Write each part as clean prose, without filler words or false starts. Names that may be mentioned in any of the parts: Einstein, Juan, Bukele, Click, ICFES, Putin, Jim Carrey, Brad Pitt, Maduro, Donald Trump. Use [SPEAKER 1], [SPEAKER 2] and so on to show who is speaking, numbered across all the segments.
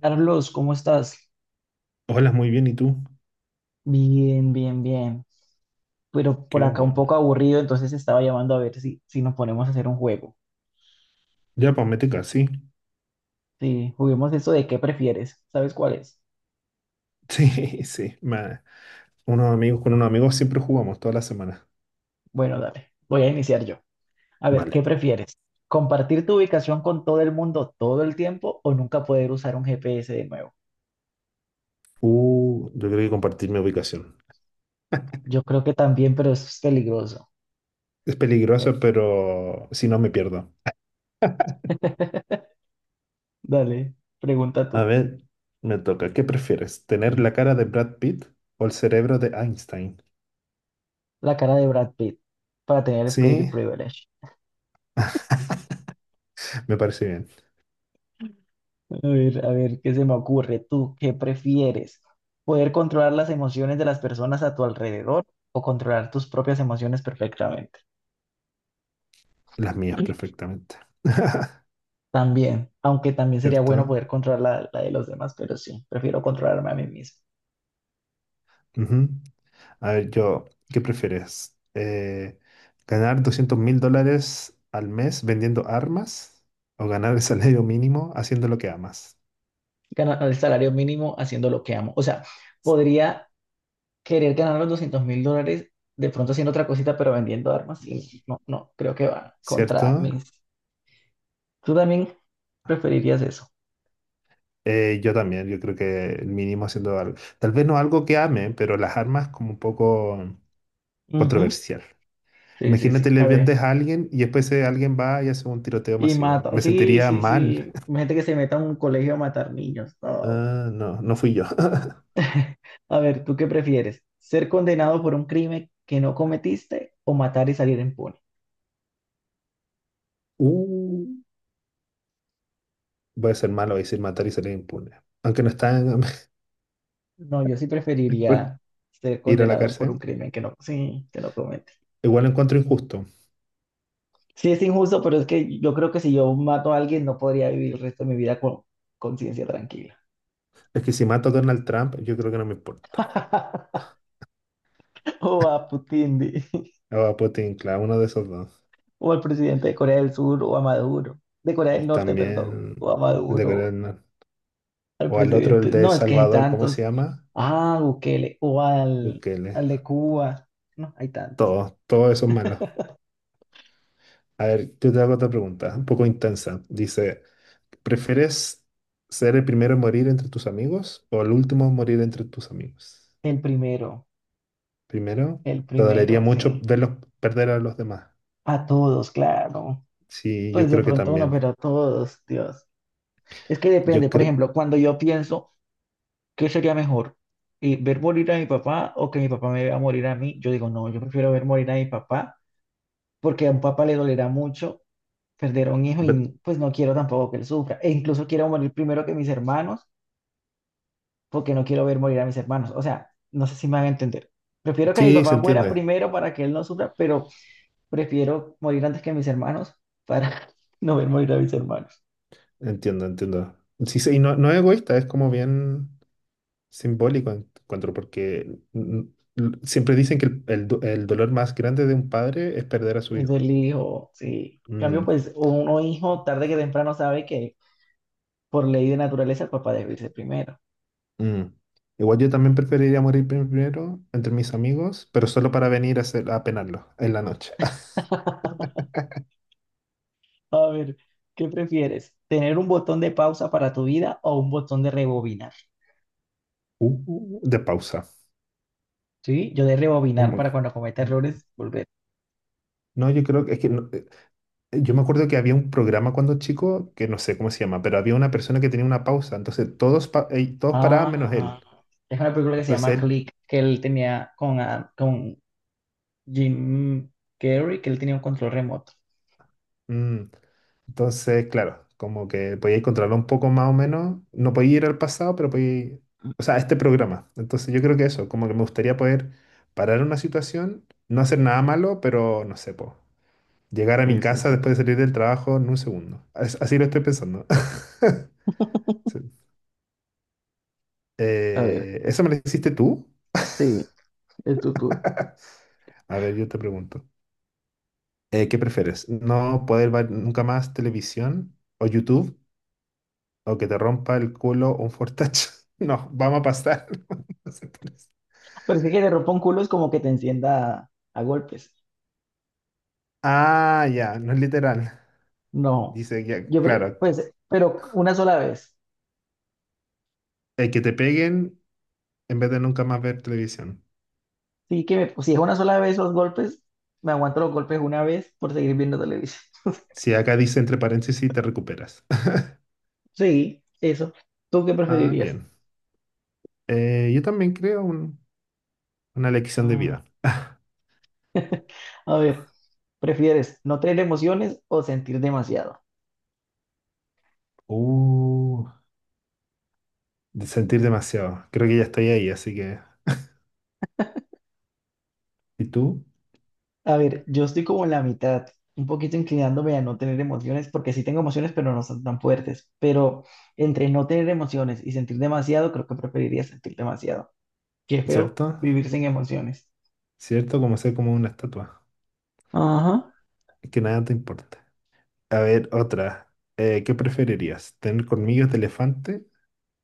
[SPEAKER 1] Carlos, ¿cómo estás?
[SPEAKER 2] Hola, muy bien, ¿y tú?
[SPEAKER 1] Bien, bien, bien. Pero por
[SPEAKER 2] Qué
[SPEAKER 1] acá un
[SPEAKER 2] bueno.
[SPEAKER 1] poco aburrido, entonces estaba llamando a ver si, nos ponemos a hacer un juego.
[SPEAKER 2] Ya, pues mete sí.
[SPEAKER 1] Sí, juguemos eso de qué prefieres. ¿Sabes cuál es?
[SPEAKER 2] Sí, sí. Unos amigos con unos amigos siempre jugamos toda la semana.
[SPEAKER 1] Bueno, dale, voy a iniciar yo. A ver, ¿qué
[SPEAKER 2] Vale.
[SPEAKER 1] prefieres? ¿Compartir tu ubicación con todo el mundo todo el tiempo o nunca poder usar un GPS de nuevo?
[SPEAKER 2] Yo creo que compartir mi ubicación.
[SPEAKER 1] Yo creo que también, pero eso es peligroso.
[SPEAKER 2] Es peligroso, pero si no me pierdo.
[SPEAKER 1] Dale, pregunta
[SPEAKER 2] A
[SPEAKER 1] tú.
[SPEAKER 2] ver, me toca. ¿Qué prefieres? ¿Tener
[SPEAKER 1] Mm.
[SPEAKER 2] la cara de Brad Pitt o el cerebro de Einstein?
[SPEAKER 1] La cara de Brad Pitt para tener el Pretty
[SPEAKER 2] Sí,
[SPEAKER 1] Privilege.
[SPEAKER 2] me parece bien.
[SPEAKER 1] A ver, ¿qué se me ocurre? ¿Tú qué prefieres? ¿Poder controlar las emociones de las personas a tu alrededor o controlar tus propias emociones perfectamente?
[SPEAKER 2] Las mías perfectamente.
[SPEAKER 1] También, aunque también sería bueno
[SPEAKER 2] ¿Cierto?
[SPEAKER 1] poder controlar la de los demás, pero sí, prefiero controlarme a mí mismo.
[SPEAKER 2] Ujú. A ver, yo, ¿qué prefieres? ¿Ganar 200.000 dólares al mes vendiendo armas o ganar el salario mínimo haciendo lo que amas?
[SPEAKER 1] Ganar el salario mínimo haciendo lo que amo. O sea, podría querer ganar los $200,000 de pronto haciendo otra cosita, pero vendiendo armas. Sí, no, no, creo que va contra
[SPEAKER 2] ¿Cierto?
[SPEAKER 1] mis... ¿Tú también preferirías eso?
[SPEAKER 2] Yo también, yo creo que el mínimo haciendo algo, tal vez no algo que ame, pero las armas como un poco
[SPEAKER 1] Ujú.
[SPEAKER 2] controversial.
[SPEAKER 1] Sí, sí,
[SPEAKER 2] Imagínate,
[SPEAKER 1] sí.
[SPEAKER 2] le
[SPEAKER 1] A ver.
[SPEAKER 2] vendes a alguien y después alguien va y hace un tiroteo
[SPEAKER 1] Y
[SPEAKER 2] masivo.
[SPEAKER 1] mata,
[SPEAKER 2] Me
[SPEAKER 1] sí,
[SPEAKER 2] sentiría
[SPEAKER 1] sí,
[SPEAKER 2] mal.
[SPEAKER 1] sí. Gente que se meta a un colegio a matar niños. No.
[SPEAKER 2] Ah, no, no fui yo.
[SPEAKER 1] A ver, ¿tú qué prefieres? ¿Ser condenado por un crimen que no cometiste o matar y salir impune?
[SPEAKER 2] Uh, Voy a ser malo, voy a decir matar y salir impune. Aunque no está...
[SPEAKER 1] No, yo sí preferiría ser
[SPEAKER 2] Ir a la
[SPEAKER 1] condenado por un
[SPEAKER 2] cárcel.
[SPEAKER 1] crimen que no, sí, que no comete.
[SPEAKER 2] Igual lo encuentro injusto.
[SPEAKER 1] Sí, es injusto, pero es que yo creo que si yo mato a alguien no podría vivir el resto de mi vida con conciencia tranquila.
[SPEAKER 2] Es que si mato a Donald Trump, yo creo que no me importa.
[SPEAKER 1] O a Putin, di.
[SPEAKER 2] O a Putin, claro, uno de esos dos.
[SPEAKER 1] o al presidente de Corea del Sur, o a Maduro, de Corea del
[SPEAKER 2] Es
[SPEAKER 1] Norte, perdón,
[SPEAKER 2] también
[SPEAKER 1] o a
[SPEAKER 2] el de Corea
[SPEAKER 1] Maduro.
[SPEAKER 2] del Norte.
[SPEAKER 1] Al
[SPEAKER 2] O al otro, el
[SPEAKER 1] presidente.
[SPEAKER 2] de El
[SPEAKER 1] No, es que hay
[SPEAKER 2] Salvador, ¿cómo se
[SPEAKER 1] tantos.
[SPEAKER 2] llama?
[SPEAKER 1] Ah, Bukele, o al,
[SPEAKER 2] Bukele.
[SPEAKER 1] al de Cuba. No, hay tantos.
[SPEAKER 2] Todos, todos esos malos. A ver, yo te hago otra pregunta, un poco intensa. Dice, ¿prefieres ser el primero en morir entre tus amigos o el último en morir entre tus amigos?
[SPEAKER 1] El primero,
[SPEAKER 2] Primero,
[SPEAKER 1] el
[SPEAKER 2] te dolería
[SPEAKER 1] primero,
[SPEAKER 2] mucho
[SPEAKER 1] sí.
[SPEAKER 2] verlos perder a los demás.
[SPEAKER 1] A todos, claro.
[SPEAKER 2] Sí, yo
[SPEAKER 1] Pues de
[SPEAKER 2] creo que
[SPEAKER 1] pronto uno,
[SPEAKER 2] también.
[SPEAKER 1] pero a todos, Dios. Es que depende,
[SPEAKER 2] Yo
[SPEAKER 1] por
[SPEAKER 2] creo...
[SPEAKER 1] ejemplo, cuando yo pienso, ¿qué sería mejor? ¿Ver morir a mi papá o que mi papá me vea morir a mí? Yo digo, no, yo prefiero ver morir a mi papá, porque a un papá le dolerá mucho perder a un hijo y pues no quiero tampoco que él sufra. E incluso quiero morir primero que mis hermanos porque no quiero ver morir a mis hermanos. O sea, no sé si me van a entender. Prefiero que mi
[SPEAKER 2] Sí, se
[SPEAKER 1] papá muera
[SPEAKER 2] entiende.
[SPEAKER 1] primero para que él no sufra, pero prefiero morir antes que mis hermanos para no ver morir a mis hermanos.
[SPEAKER 2] Entiendo, entiendo. Sí, sí, y no, no es egoísta, es como bien simbólico, encuentro, porque siempre dicen que el dolor más grande de un padre es perder a su
[SPEAKER 1] Es
[SPEAKER 2] hijo.
[SPEAKER 1] el hijo, sí. En cambio,
[SPEAKER 2] Mm,
[SPEAKER 1] pues uno hijo tarde que temprano sabe que por ley de naturaleza el papá debe irse primero.
[SPEAKER 2] mm. Igual yo también preferiría morir primero entre mis amigos, pero solo para venir a penarlo en la noche.
[SPEAKER 1] A ver, ¿qué prefieres? ¿Tener un botón de pausa para tu vida o un botón de rebobinar?
[SPEAKER 2] De pausa.
[SPEAKER 1] Sí, yo de rebobinar
[SPEAKER 2] Como-
[SPEAKER 1] para cuando cometa errores volver.
[SPEAKER 2] no, yo creo que es que yo me acuerdo que había un programa cuando chico, que no sé cómo se llama, pero había una persona que tenía una pausa, entonces todos paraban menos
[SPEAKER 1] Ah,
[SPEAKER 2] él.
[SPEAKER 1] es una película que se
[SPEAKER 2] Entonces
[SPEAKER 1] llama
[SPEAKER 2] él,
[SPEAKER 1] Click, que él tenía con, ah, con Jim Carrey, que él tenía un control remoto.
[SPEAKER 2] mm, entonces claro, como que podía encontrarlo un poco más o menos, no podía ir al pasado, pero podía ir, o sea, a este programa. Entonces yo creo que eso, como que me gustaría poder parar una situación, no hacer nada malo, pero no sé, llegar a mi
[SPEAKER 1] Sí, sí,
[SPEAKER 2] casa
[SPEAKER 1] sí.
[SPEAKER 2] después de salir del trabajo en un segundo. Así lo estoy pensando. Sí.
[SPEAKER 1] A ver,
[SPEAKER 2] ¿Eso me lo hiciste tú?
[SPEAKER 1] sí, es tu tour.
[SPEAKER 2] A ver, yo te pregunto. ¿Qué prefieres? ¿No poder ver nunca más televisión o YouTube o que te rompa el culo un fortach? No, vamos a pasar. No sé por...
[SPEAKER 1] Parece que te rompa un culo es como que te encienda a golpes.
[SPEAKER 2] Ah, ya, no es literal.
[SPEAKER 1] No,
[SPEAKER 2] Dice, ya,
[SPEAKER 1] yo,
[SPEAKER 2] claro,
[SPEAKER 1] pues, pero una sola vez.
[SPEAKER 2] que te peguen en vez de nunca más ver televisión.
[SPEAKER 1] Sí, si es una sola vez los golpes, me aguanto los golpes una vez por seguir viendo televisión.
[SPEAKER 2] Si acá dice entre paréntesis, te recuperas.
[SPEAKER 1] Sí, eso. ¿Tú qué
[SPEAKER 2] Ah,
[SPEAKER 1] preferirías?
[SPEAKER 2] bien. Yo también creo una lección de
[SPEAKER 1] Ah,
[SPEAKER 2] vida.
[SPEAKER 1] a ver. ¿Prefieres no tener emociones o sentir demasiado?
[SPEAKER 2] Uh, de sentir demasiado. Creo que ya estoy ahí, así que... ¿Y tú?
[SPEAKER 1] A ver, yo estoy como en la mitad, un poquito inclinándome a no tener emociones, porque sí tengo emociones, pero no son tan fuertes. Pero entre no tener emociones y sentir demasiado, creo que preferiría sentir demasiado. Qué feo
[SPEAKER 2] ¿Cierto?
[SPEAKER 1] vivir sin emociones.
[SPEAKER 2] ¿Cierto? Como ser como una estatua.
[SPEAKER 1] Ajá.
[SPEAKER 2] Que nada te importa. A ver, otra. ¿Qué preferirías? ¿Tener colmillos de elefante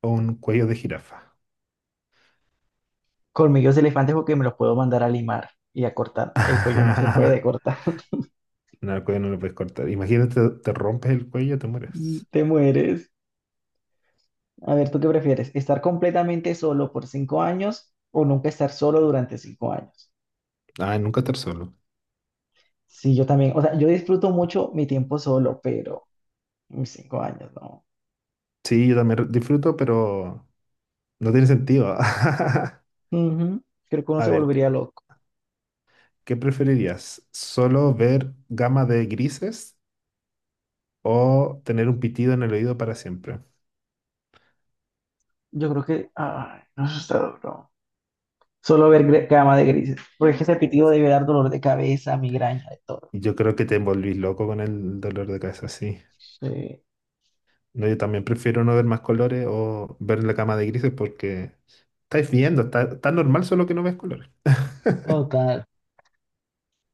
[SPEAKER 2] o un cuello de jirafa?
[SPEAKER 1] Colmillos de elefante porque me los puedo mandar a limar y a cortar. El cuello no se puede cortar.
[SPEAKER 2] No, el cuello no lo puedes cortar. Imagínate, te rompes el cuello, te
[SPEAKER 1] Mm,
[SPEAKER 2] mueres.
[SPEAKER 1] te mueres. A ver, ¿tú qué prefieres? ¿Estar completamente solo por 5 años o nunca estar solo durante 5 años?
[SPEAKER 2] Ah, nunca estar solo.
[SPEAKER 1] Sí, yo también. O sea, yo disfruto mucho mi tiempo solo, pero mis 5 años, no.
[SPEAKER 2] Sí, yo también disfruto, pero no tiene sentido.
[SPEAKER 1] Ujú. Creo que uno
[SPEAKER 2] A
[SPEAKER 1] se
[SPEAKER 2] ver,
[SPEAKER 1] volvería loco.
[SPEAKER 2] ¿qué preferirías? ¿Solo ver gama de grises o tener un pitido en el oído para siempre?
[SPEAKER 1] Yo creo que, ay, no, eso está duro. Solo ver cama de grises. Porque es que ese pitido debe dar dolor de cabeza, migraña, de todo.
[SPEAKER 2] Yo creo que te envolvís loco con el dolor de cabeza, sí.
[SPEAKER 1] Sí,
[SPEAKER 2] No, yo también prefiero no ver más colores o ver la cama de grises porque estáis viendo, está normal solo que no ves colores.
[SPEAKER 1] total.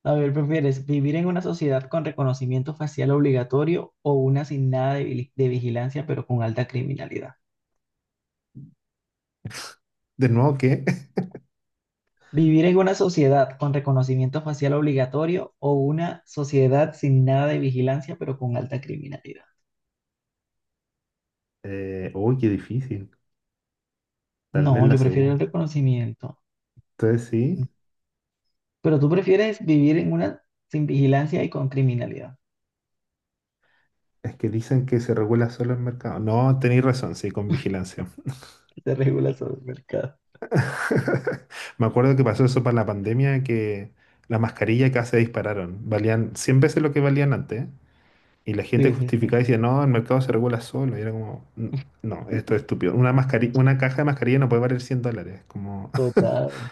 [SPEAKER 1] A ver, ¿prefieres vivir en una sociedad con reconocimiento facial obligatorio o una sin nada de vigilancia, pero con alta criminalidad?
[SPEAKER 2] De nuevo, ¿qué?
[SPEAKER 1] ¿Vivir en una sociedad con reconocimiento facial obligatorio o una sociedad sin nada de vigilancia pero con alta criminalidad?
[SPEAKER 2] Uy, qué difícil. Tal vez
[SPEAKER 1] No,
[SPEAKER 2] la
[SPEAKER 1] yo prefiero el
[SPEAKER 2] segunda.
[SPEAKER 1] reconocimiento.
[SPEAKER 2] Entonces sí,
[SPEAKER 1] Pero tú prefieres vivir en una sin vigilancia y con criminalidad.
[SPEAKER 2] es que dicen que se regula solo el mercado. No, tenéis razón, sí, con vigilancia.
[SPEAKER 1] Que se regula sobre el mercado.
[SPEAKER 2] Me acuerdo que pasó eso para la pandemia, que las mascarillas casi se dispararon. Valían 100 veces lo que valían antes. Y la gente
[SPEAKER 1] Sí, sí,
[SPEAKER 2] justificaba
[SPEAKER 1] sí.
[SPEAKER 2] y decía, no, el mercado se regula solo. Y era como, No, esto es estúpido. Una caja de mascarilla no puede valer 100 dólares". Como,
[SPEAKER 1] Total.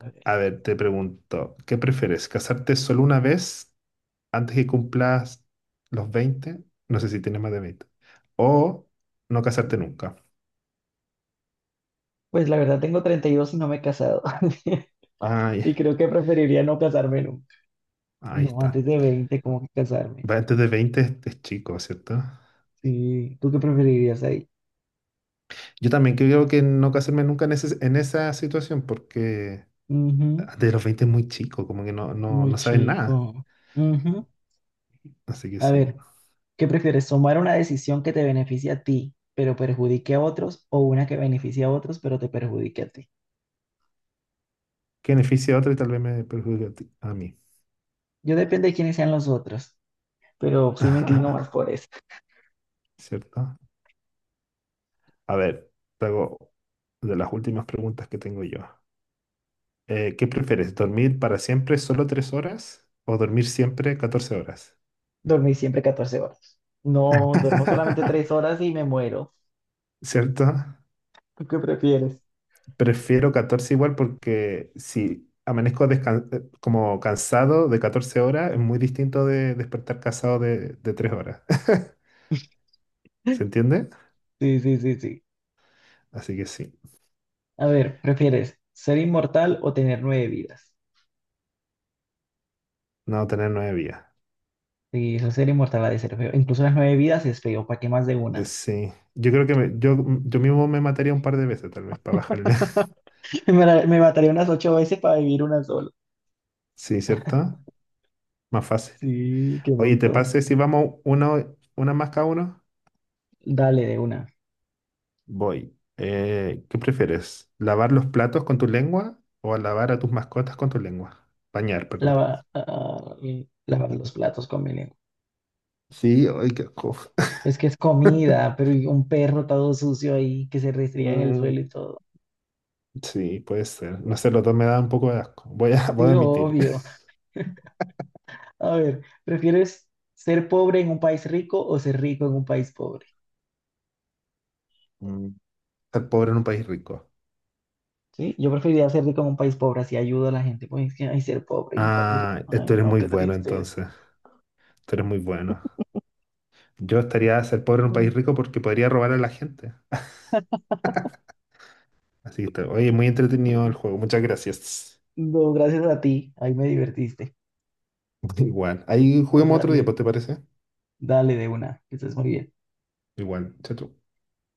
[SPEAKER 1] Ok.
[SPEAKER 2] a ver, te pregunto, ¿qué prefieres? ¿Casarte solo una vez antes que cumplas los 20? No sé si tienes más de 20. ¿O no casarte nunca?
[SPEAKER 1] Pues la verdad tengo 32 y no me he casado.
[SPEAKER 2] Ay,
[SPEAKER 1] Y creo que preferiría no casarme nunca.
[SPEAKER 2] ahí
[SPEAKER 1] No,
[SPEAKER 2] está.
[SPEAKER 1] antes de 20 como que casarme.
[SPEAKER 2] Va, antes de 20 es chico, ¿cierto?
[SPEAKER 1] Sí, ¿tú qué preferirías ahí?
[SPEAKER 2] Yo también creo que no casarme nunca en esa situación porque
[SPEAKER 1] Ujú,
[SPEAKER 2] antes de los 20 es muy chico, como que no, no,
[SPEAKER 1] muy
[SPEAKER 2] no sabes nada.
[SPEAKER 1] chico. Ujú.
[SPEAKER 2] Así que
[SPEAKER 1] A
[SPEAKER 2] sí.
[SPEAKER 1] ver, ¿qué prefieres? ¿Tomar una decisión que te beneficie a ti, pero perjudique a otros, o una que beneficie a otros, pero te perjudique a ti?
[SPEAKER 2] Que beneficia a otro y tal vez me perjudique a mí.
[SPEAKER 1] Yo depende de quiénes sean los otros, pero sí me inclino más por eso.
[SPEAKER 2] ¿Cierto? A ver, te hago de las últimas preguntas que tengo yo. ¿Qué prefieres? ¿Dormir para siempre solo 3 horas o dormir siempre 14 horas?
[SPEAKER 1] Dormir siempre 14 horas. No, duermo solamente 3 horas y me muero.
[SPEAKER 2] ¿Cierto?
[SPEAKER 1] ¿Tú qué prefieres?
[SPEAKER 2] Prefiero 14 igual porque si amanezco como cansado de 14 horas, es muy distinto de despertar cansado de 3 horas. ¿Se entiende?
[SPEAKER 1] Sí, sí, sí, sí.
[SPEAKER 2] Así que sí,
[SPEAKER 1] A ver, ¿prefieres ser inmortal o tener 9 vidas?
[SPEAKER 2] no tener nueve vías.
[SPEAKER 1] Sí, eso ser inmortal ha de ser feo. Incluso las 9 vidas es feo, ¿para qué más de una?
[SPEAKER 2] Sí, yo creo que yo mismo me mataría un par de veces tal vez para bajarle.
[SPEAKER 1] Me, me mataría unas 8 veces para vivir una sola.
[SPEAKER 2] Sí, ¿cierto? Más fácil.
[SPEAKER 1] Sí, qué
[SPEAKER 2] Oye, ¿te
[SPEAKER 1] montón.
[SPEAKER 2] parece si vamos una más cada uno?
[SPEAKER 1] Dale de una.
[SPEAKER 2] Voy. ¿Qué prefieres? ¿Lavar los platos con tu lengua o lavar a tus mascotas con tu lengua? Bañar, perdón.
[SPEAKER 1] Lava, ah, lavar los platos con veneno.
[SPEAKER 2] Sí, ay, qué asco.
[SPEAKER 1] Es que es comida, pero y un perro todo sucio ahí que se restría en el
[SPEAKER 2] Mm,
[SPEAKER 1] suelo y todo.
[SPEAKER 2] sí, puede ser. No sé, los dos me dan un poco de asco. Voy a, voy a
[SPEAKER 1] Sí,
[SPEAKER 2] admitir.
[SPEAKER 1] obvio. A ver, ¿prefieres ser pobre en un país rico o ser rico en un país pobre?
[SPEAKER 2] Mm, estar pobre en un país rico.
[SPEAKER 1] Sí, yo preferiría ser rico en un país pobre, así ayudo a la gente. Pues es que, ay, ser pobre en un país rico.
[SPEAKER 2] Ah, tú
[SPEAKER 1] Ay,
[SPEAKER 2] eres
[SPEAKER 1] no,
[SPEAKER 2] muy
[SPEAKER 1] qué
[SPEAKER 2] bueno
[SPEAKER 1] tristeza.
[SPEAKER 2] entonces. Tú eres muy bueno. Yo estaría a ser pobre en un
[SPEAKER 1] Mm,
[SPEAKER 2] país rico porque podría robar a la gente. Así que, oye, muy
[SPEAKER 1] mm.
[SPEAKER 2] entretenido el
[SPEAKER 1] Mm.
[SPEAKER 2] juego. Muchas gracias.
[SPEAKER 1] No, gracias a ti, ahí me divertiste.
[SPEAKER 2] Igual. Ahí
[SPEAKER 1] Bueno,
[SPEAKER 2] juguemos otro día,
[SPEAKER 1] dale,
[SPEAKER 2] pues, ¿te parece?
[SPEAKER 1] dale de una, que estés muy bien.
[SPEAKER 2] Igual. Chao, chao.